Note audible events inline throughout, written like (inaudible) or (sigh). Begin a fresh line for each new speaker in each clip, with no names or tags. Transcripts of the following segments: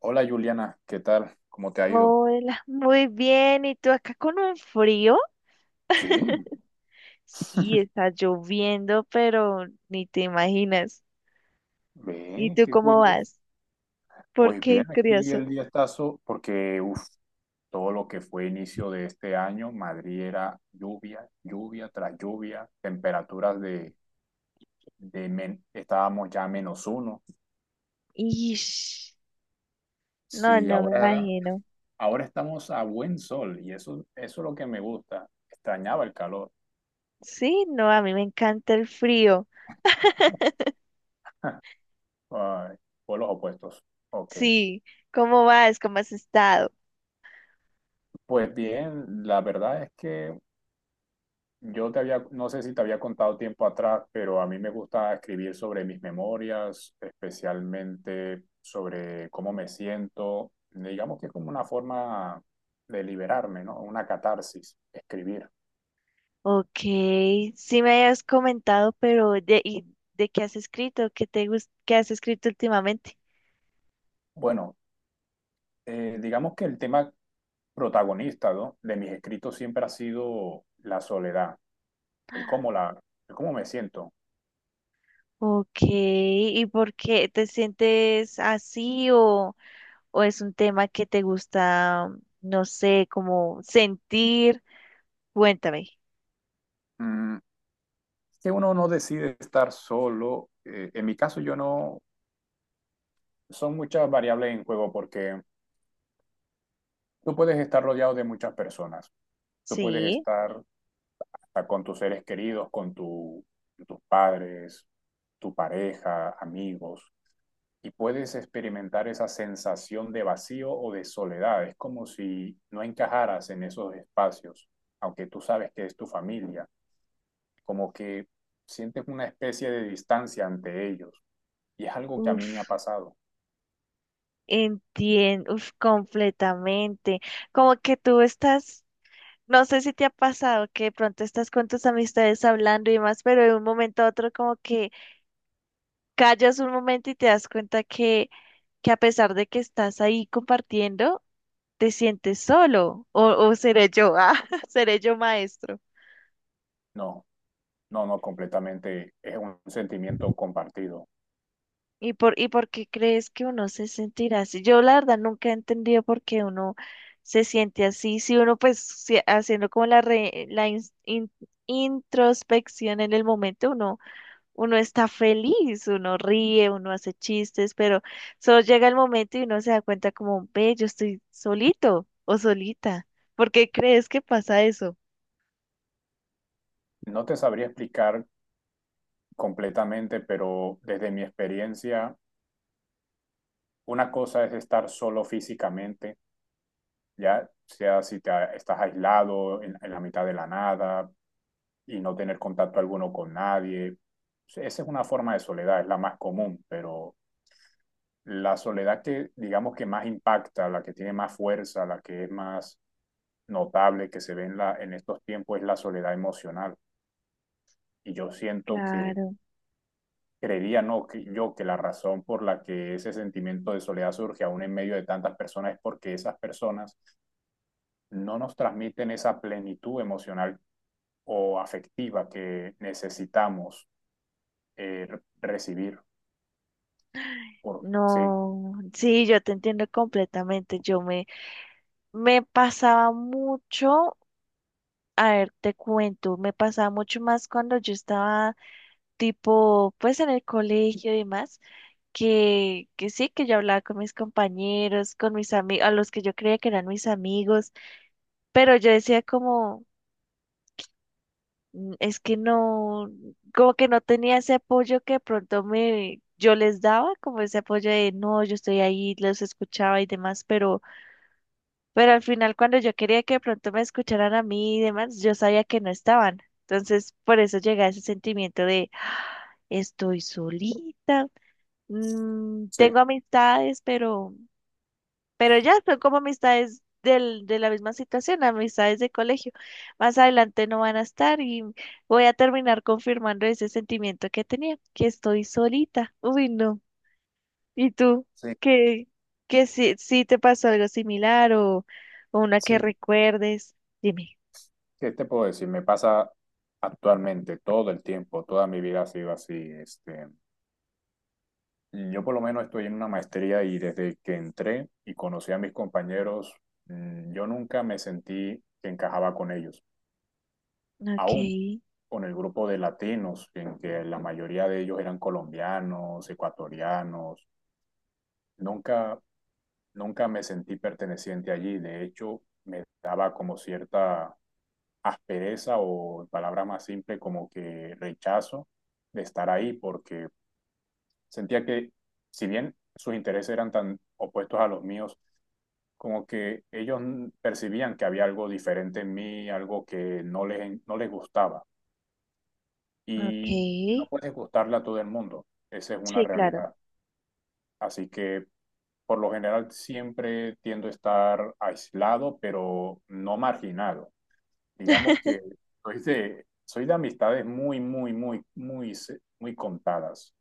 Hola, Juliana, ¿qué tal? ¿Cómo te ha ido?
Hola, muy bien. ¿Y tú acá con un frío?
Sí,
Sí, está lloviendo, pero ni te imaginas. ¿Y
ve,
tú
qué
cómo
curioso.
vas? ¿Por
Pues
qué
bien,
es
aquí el
curioso?
diestazo, porque uf, todo lo que fue inicio de este año, Madrid era lluvia, lluvia tras lluvia, temperaturas estábamos ya a menos uno.
Ish, no,
Sí,
no me imagino.
ahora estamos a buen sol y eso es lo que me gusta. Extrañaba el calor.
Sí, no, a mí me encanta el frío. (laughs)
(laughs) Ay, polos opuestos. Ok.
Sí, ¿cómo vas? ¿Cómo has estado?
Pues bien, la verdad es que yo te había, no sé si te había contado tiempo atrás, pero a mí me gusta escribir sobre mis memorias, especialmente sobre cómo me siento. Digamos que es como una forma de liberarme, ¿no? Una catarsis, escribir.
Ok, sí me habías comentado, pero ¿de qué has escrito? ¿Qué has escrito últimamente?
Bueno, digamos que el tema protagonista, ¿no?, de mis escritos siempre ha sido la soledad, el el cómo me siento.
Ok, ¿y por qué te sientes así o...? ¿O es un tema que te gusta, no sé, como sentir? Cuéntame.
Mm, que uno no decide estar solo. En mi caso, yo no, son muchas variables en juego porque tú puedes estar rodeado de muchas personas. Tú puedes
Sí.
estar con tus seres queridos, con tus padres, tu pareja, amigos, y puedes experimentar esa sensación de vacío o de soledad. Es como si no encajaras en esos espacios, aunque tú sabes que es tu familia, como que sientes una especie de distancia ante ellos. Y es algo que a mí me ha
Uf,
pasado.
entiendo, uf, completamente. Como que tú estás, No sé si te ha pasado que de pronto estás con tus amistades hablando y más, pero de un momento a otro como que callas un momento y te das cuenta que a pesar de que estás ahí compartiendo, te sientes solo. O seré yo, ah, (laughs) seré yo maestro.
No, no, no, completamente. Es un sentimiento compartido.
¿Y por qué crees que uno se sentirá así? Yo la verdad nunca he entendido por qué uno se siente así. Si uno pues si- Haciendo como la, re- la ins- in- introspección en el momento, uno está feliz, uno ríe, uno hace chistes, pero solo llega el momento y uno se da cuenta como, ve, yo estoy solito o solita. ¿Por qué crees que pasa eso?
No te sabría explicar completamente, pero desde mi experiencia, una cosa es estar solo físicamente, ya sea si te, a- estás aislado en la mitad de la nada y no tener contacto alguno con nadie. Sí, esa es una forma de soledad, es la más común, pero la soledad que digamos que más impacta, la que tiene más fuerza, la que es más notable que se ve en estos tiempos es la soledad emocional. Y yo siento que
Claro,
creería no, que- yo que la razón por la que ese sentimiento de soledad surge aún en medio de tantas personas es porque esas personas no nos transmiten esa plenitud emocional o afectiva que necesitamos eh, recibir. Sí,
no, sí, yo te entiendo completamente. Me pasaba mucho. A ver, te cuento, me pasaba mucho más cuando yo estaba tipo, pues en el colegio y demás, que sí, que yo hablaba con mis compañeros, con mis amigos, a los que yo creía que eran mis amigos, pero yo decía como, "Mm, es que no, como que no tenía ese apoyo que de pronto me, yo les daba, como ese apoyo de, no, yo estoy ahí, los escuchaba y demás, pero al final, cuando yo quería que de pronto me escucharan a mí y demás, yo sabía que no estaban. Entonces, por eso llega ese sentimiento de, "Ah, estoy solita, mm,
sí,
tengo amistades, pero ya son como amistades de la misma situación, amistades de colegio. Más adelante no van a estar y voy a terminar confirmando ese sentimiento que tenía, que estoy solita. Uy, no. ¿Y tú?
sí,
¿Qué, qué si te pasó algo similar o una que
sí.
recuerdes? Dime.
¿Qué te puedo decir? Me pasa actualmente todo el tiempo, toda mi vida ha sido así, este. Yo por lo menos estoy en una maestría y desde que entré y conocí a mis compañeros, yo nunca me sentí que encajaba con ellos.
Ok,
Aún con el grupo de latinos, en que la mayoría de ellos eran colombianos, ecuatorianos, nunca, nunca me sentí perteneciente allí. De hecho, me daba como cierta aspereza o, en palabras más simples, como que rechazo de estar ahí porque sentía que, si bien sus intereses eran tan opuestos a los míos, como que ellos percibían que había algo diferente en mí, algo que no les gustaba. Y no
ok.
puedes gustarle a todo el mundo, esa es una
Sí, claro.
realidad. Así que por lo general siempre tiendo a estar aislado, pero no marginado. Digamos que soy de amistades muy, muy, muy, muy contadas.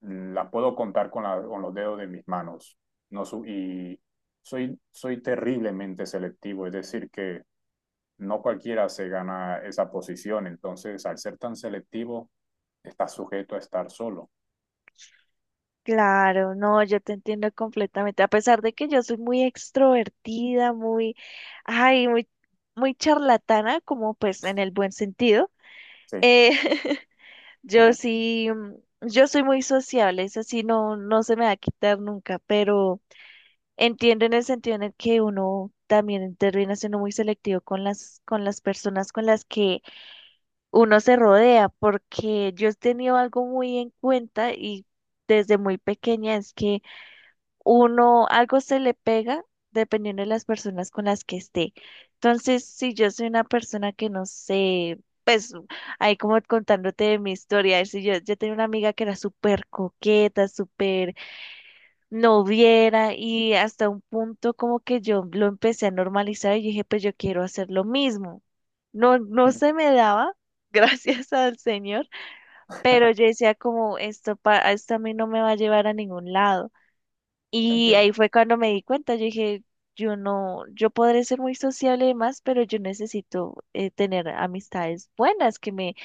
Las puedo contar con los dedos de mis manos. No su- y soy, soy terriblemente selectivo, es decir, que no cualquiera se gana esa posición, entonces, al ser tan selectivo, estás sujeto a estar solo.
Claro, no, yo te entiendo completamente. A pesar de que yo soy muy extrovertida, muy, ay, muy, muy charlatana, como pues en el buen sentido.
Sí,
Eh, (laughs) yo
(laughs)
sí, mm, yo soy muy sociable, eso sí no, no se me va a quitar nunca, pero entiendo en el sentido en el que uno también termina siendo muy selectivo con con las personas con las que uno se rodea, porque yo he tenido algo muy en cuenta y desde muy pequeña es que uno algo se le pega dependiendo de las personas con las que esté. Entonces, si yo soy una persona que no sé, pues ahí como contándote de mi historia, si yo tenía una amiga que era súper coqueta, súper no viera y hasta un punto como que yo lo empecé a normalizar y dije, pues yo quiero hacer lo mismo. No, no se me daba, (laughs) gracias al Señor, pero yo decía como esto a mí no me va a llevar a ningún lado. Y ahí
entiendo.
fue cuando me di cuenta, yo dije, yo no, yo podré ser muy sociable y demás, pero yo necesito tener amistades buenas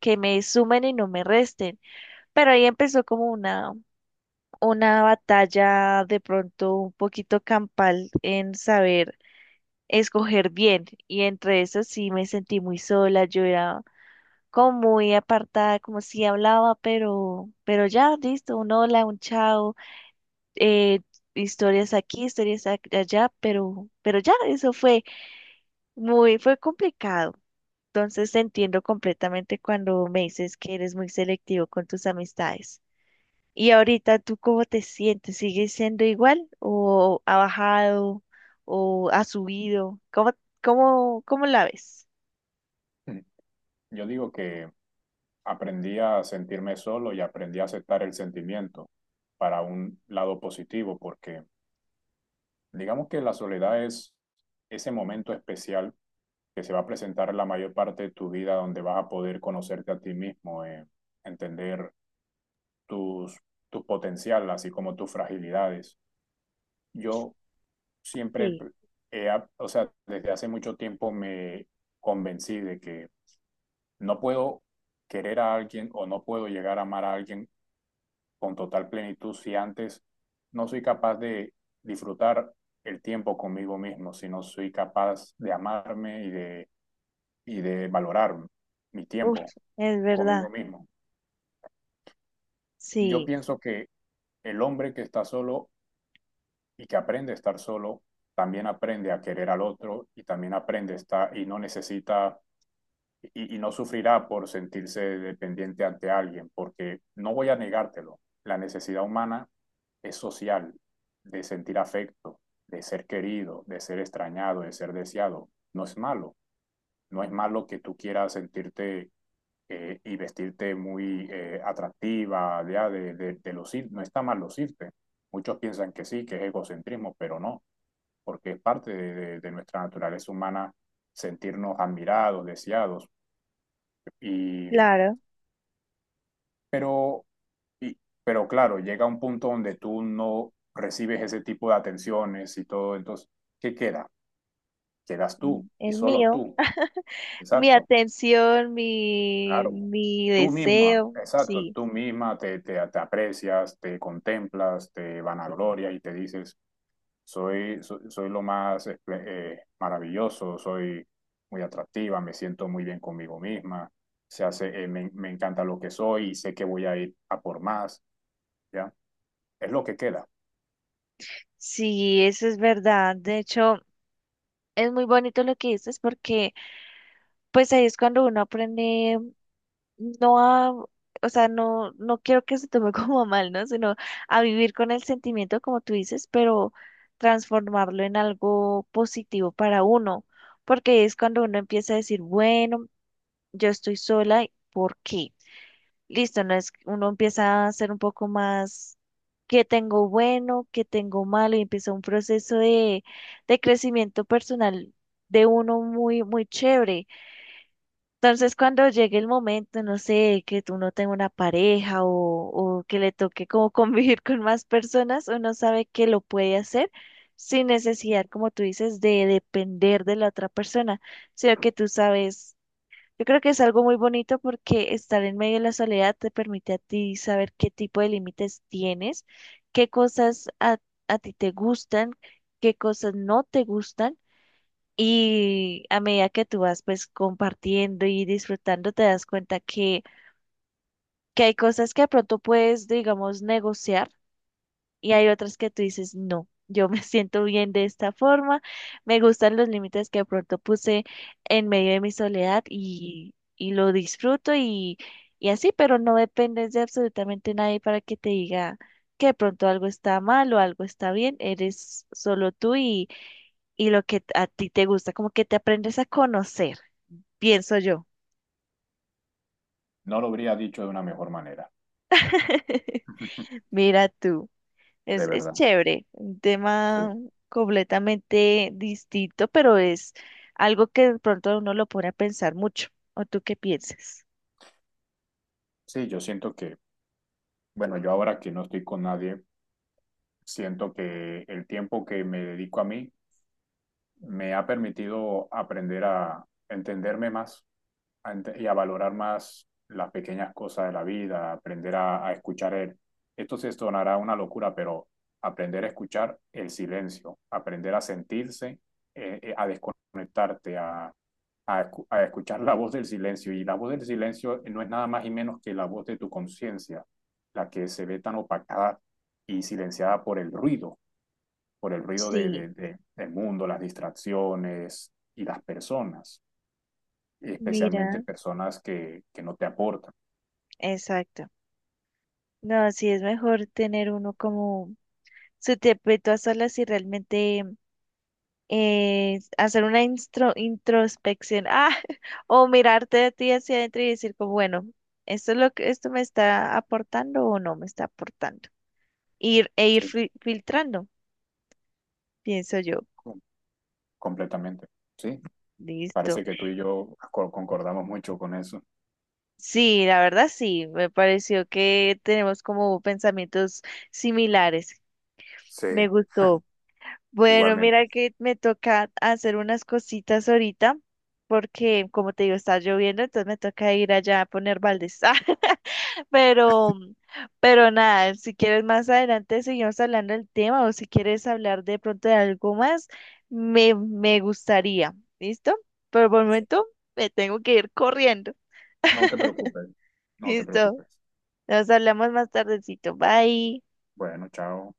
que me sumen y no me resten. Pero ahí empezó como una batalla de pronto un poquito campal en saber escoger bien. Y entre eso sí me sentí muy sola, yo era como muy apartada, como si hablaba, pero ya, listo, un hola, un chao, eh, historias aquí, allá, pero ya, eso fue muy, fue complicado. Entonces te entiendo completamente cuando me dices que eres muy selectivo con tus amistades. Y ahorita, ¿tú cómo te sientes? ¿Sigues siendo igual o ha bajado o ha subido? ¿Cómo, cómo, cómo la ves?
Yo digo que aprendí a sentirme solo y aprendí a aceptar el sentimiento para un lado positivo, porque digamos que la soledad es ese momento especial que se va a presentar en la mayor parte de tu vida, donde vas a poder conocerte a ti mismo, entender tus, tu potencial, así como tus fragilidades. Yo siempre,
Sí,
he ap- o sea, desde hace mucho tiempo me convencí de que no puedo querer a alguien o no puedo llegar a amar a alguien con total plenitud si antes no soy capaz de disfrutar el tiempo conmigo mismo, si no soy capaz de amarme y de valorar mi
uf,
tiempo
es verdad,
conmigo mismo. Yo
sí,
pienso que el hombre que está solo y que aprende a estar solo, también aprende a querer al otro y también aprende a estar y no necesita y no sufrirá por sentirse dependiente ante alguien, porque no voy a negártelo, la necesidad humana es social, de sentir afecto, de ser querido, de ser extrañado, de ser deseado. No es malo, no es malo que tú quieras sentirte y vestirte muy atractiva, ya, de lucir, no está mal lucirte. Muchos piensan que sí, que es egocentrismo, pero no, porque es parte de nuestra naturaleza humana sentirnos admirados, deseados. Y
claro,
Pero, y- pero claro, llega un punto donde tú no recibes ese tipo de atenciones y todo, entonces, ¿qué queda? Quedas tú
mm,
y
el
solo
mío,
tú.
mi
Exacto,
atención,
claro.
mi
Tú misma,
deseo,
exacto,
sí,
tú misma te aprecias, te contemplas, te vanaglorias y te dices, soy lo más maravilloso, soy muy atractiva, me siento muy bien conmigo misma, se hace, me encanta lo que soy y sé que voy a ir a por más, ¿ya? Es lo que queda.
sí, eso es verdad. De hecho, es muy bonito lo que dices porque pues ahí es cuando uno aprende no a, o sea, no, no quiero que se tome (laughs) como a mal, ¿no? Sino a vivir con el sentimiento, como tú dices, pero transformarlo en algo positivo para uno, porque es cuando uno empieza a decir, bueno, yo estoy sola, ¿por qué? Listo, no es, uno empieza a ser un poco más, ¿qué tengo bueno? ¿Qué tengo malo? Y empieza un proceso de crecimiento personal de uno muy, muy chévere entonces, cuando llegue el momento, no sé, que tú no tengas una pareja o que le toque como (laughs) convivir con más personas, uno sabe que lo puede hacer sin necesidad, como tú dices, de depender de la otra persona, sino que tú sabes, yo creo que es algo muy bonito porque estar en medio de la soledad te permite a ti saber qué tipo de límites tienes, qué cosas a, a ti te gustan, qué cosas no te gustan y a medida que tú vas pues compartiendo y disfrutando, te das cuenta que hay cosas que de pronto puedes, digamos, negociar y hay otras que tú dices, no, yo me (laughs) siento bien de esta forma, me gustan los límites que de pronto puse en medio de mi soledad y lo disfruto y así, pero no dependes de absolutamente nadie para que te diga que de pronto algo está mal o algo está bien, eres solo tú y lo que a ti te gusta, como que te aprendes a conocer pienso yo.
No lo habría dicho de una mejor manera,
(laughs)
(laughs)
Mira tú,
de
es
verdad.
chévere, un
Sí.
tema completamente distinto, pero es algo que de pronto a uno lo pone a pensar mucho. ¿O tú qué piensas?
Sí, yo siento que, bueno, yo ahora que no estoy con nadie, siento que el tiempo que me dedico a mí me ha permitido aprender a entenderme más y a valorar más las pequeñas cosas de la vida, aprender a escuchar el… Esto se sonará una locura, pero aprender a escuchar el silencio, aprender a sentirse, a desconectarte, a escuchar la voz del silencio. Y la voz del silencio no es nada más y menos que la voz de tu conciencia, la que se ve tan opacada y silenciada por el ruido
Sí,
del mundo, las distracciones y las personas, especialmente
mira,
personas que no te aportan.
exacto. No, sí es mejor tener uno como su tiempito a solas y realmente hacer una introspección, ah, (laughs) o mirarte a ti hacia adentro y decir como, bueno, ¿esto es lo que esto me está aportando o no me está aportando? Ir, e ir
¿Sí?
filtrando, pienso yo.
Completamente. Sí,
Listo.
parece que tú y yo concordamos mucho con eso.
Sí, la verdad sí, me pareció que tenemos como pensamientos similares.
Sí,
Me gustó. Bueno,
igualmente.
mira que me toca hacer unas cositas ahorita, porque como te digo, está lloviendo, entonces me toca ir allá a poner baldes. (laughs) Pero, pero nada, si quieres más adelante seguimos hablando del tema o si quieres hablar de pronto de algo más, me gustaría. ¿Listo? Pero por el
Sí.
momento me tengo que ir corriendo.
No te preocupes,
(laughs)
no te
¿Listo?
preocupes.
Nos hablamos más tardecito. Bye.
Bueno, chao.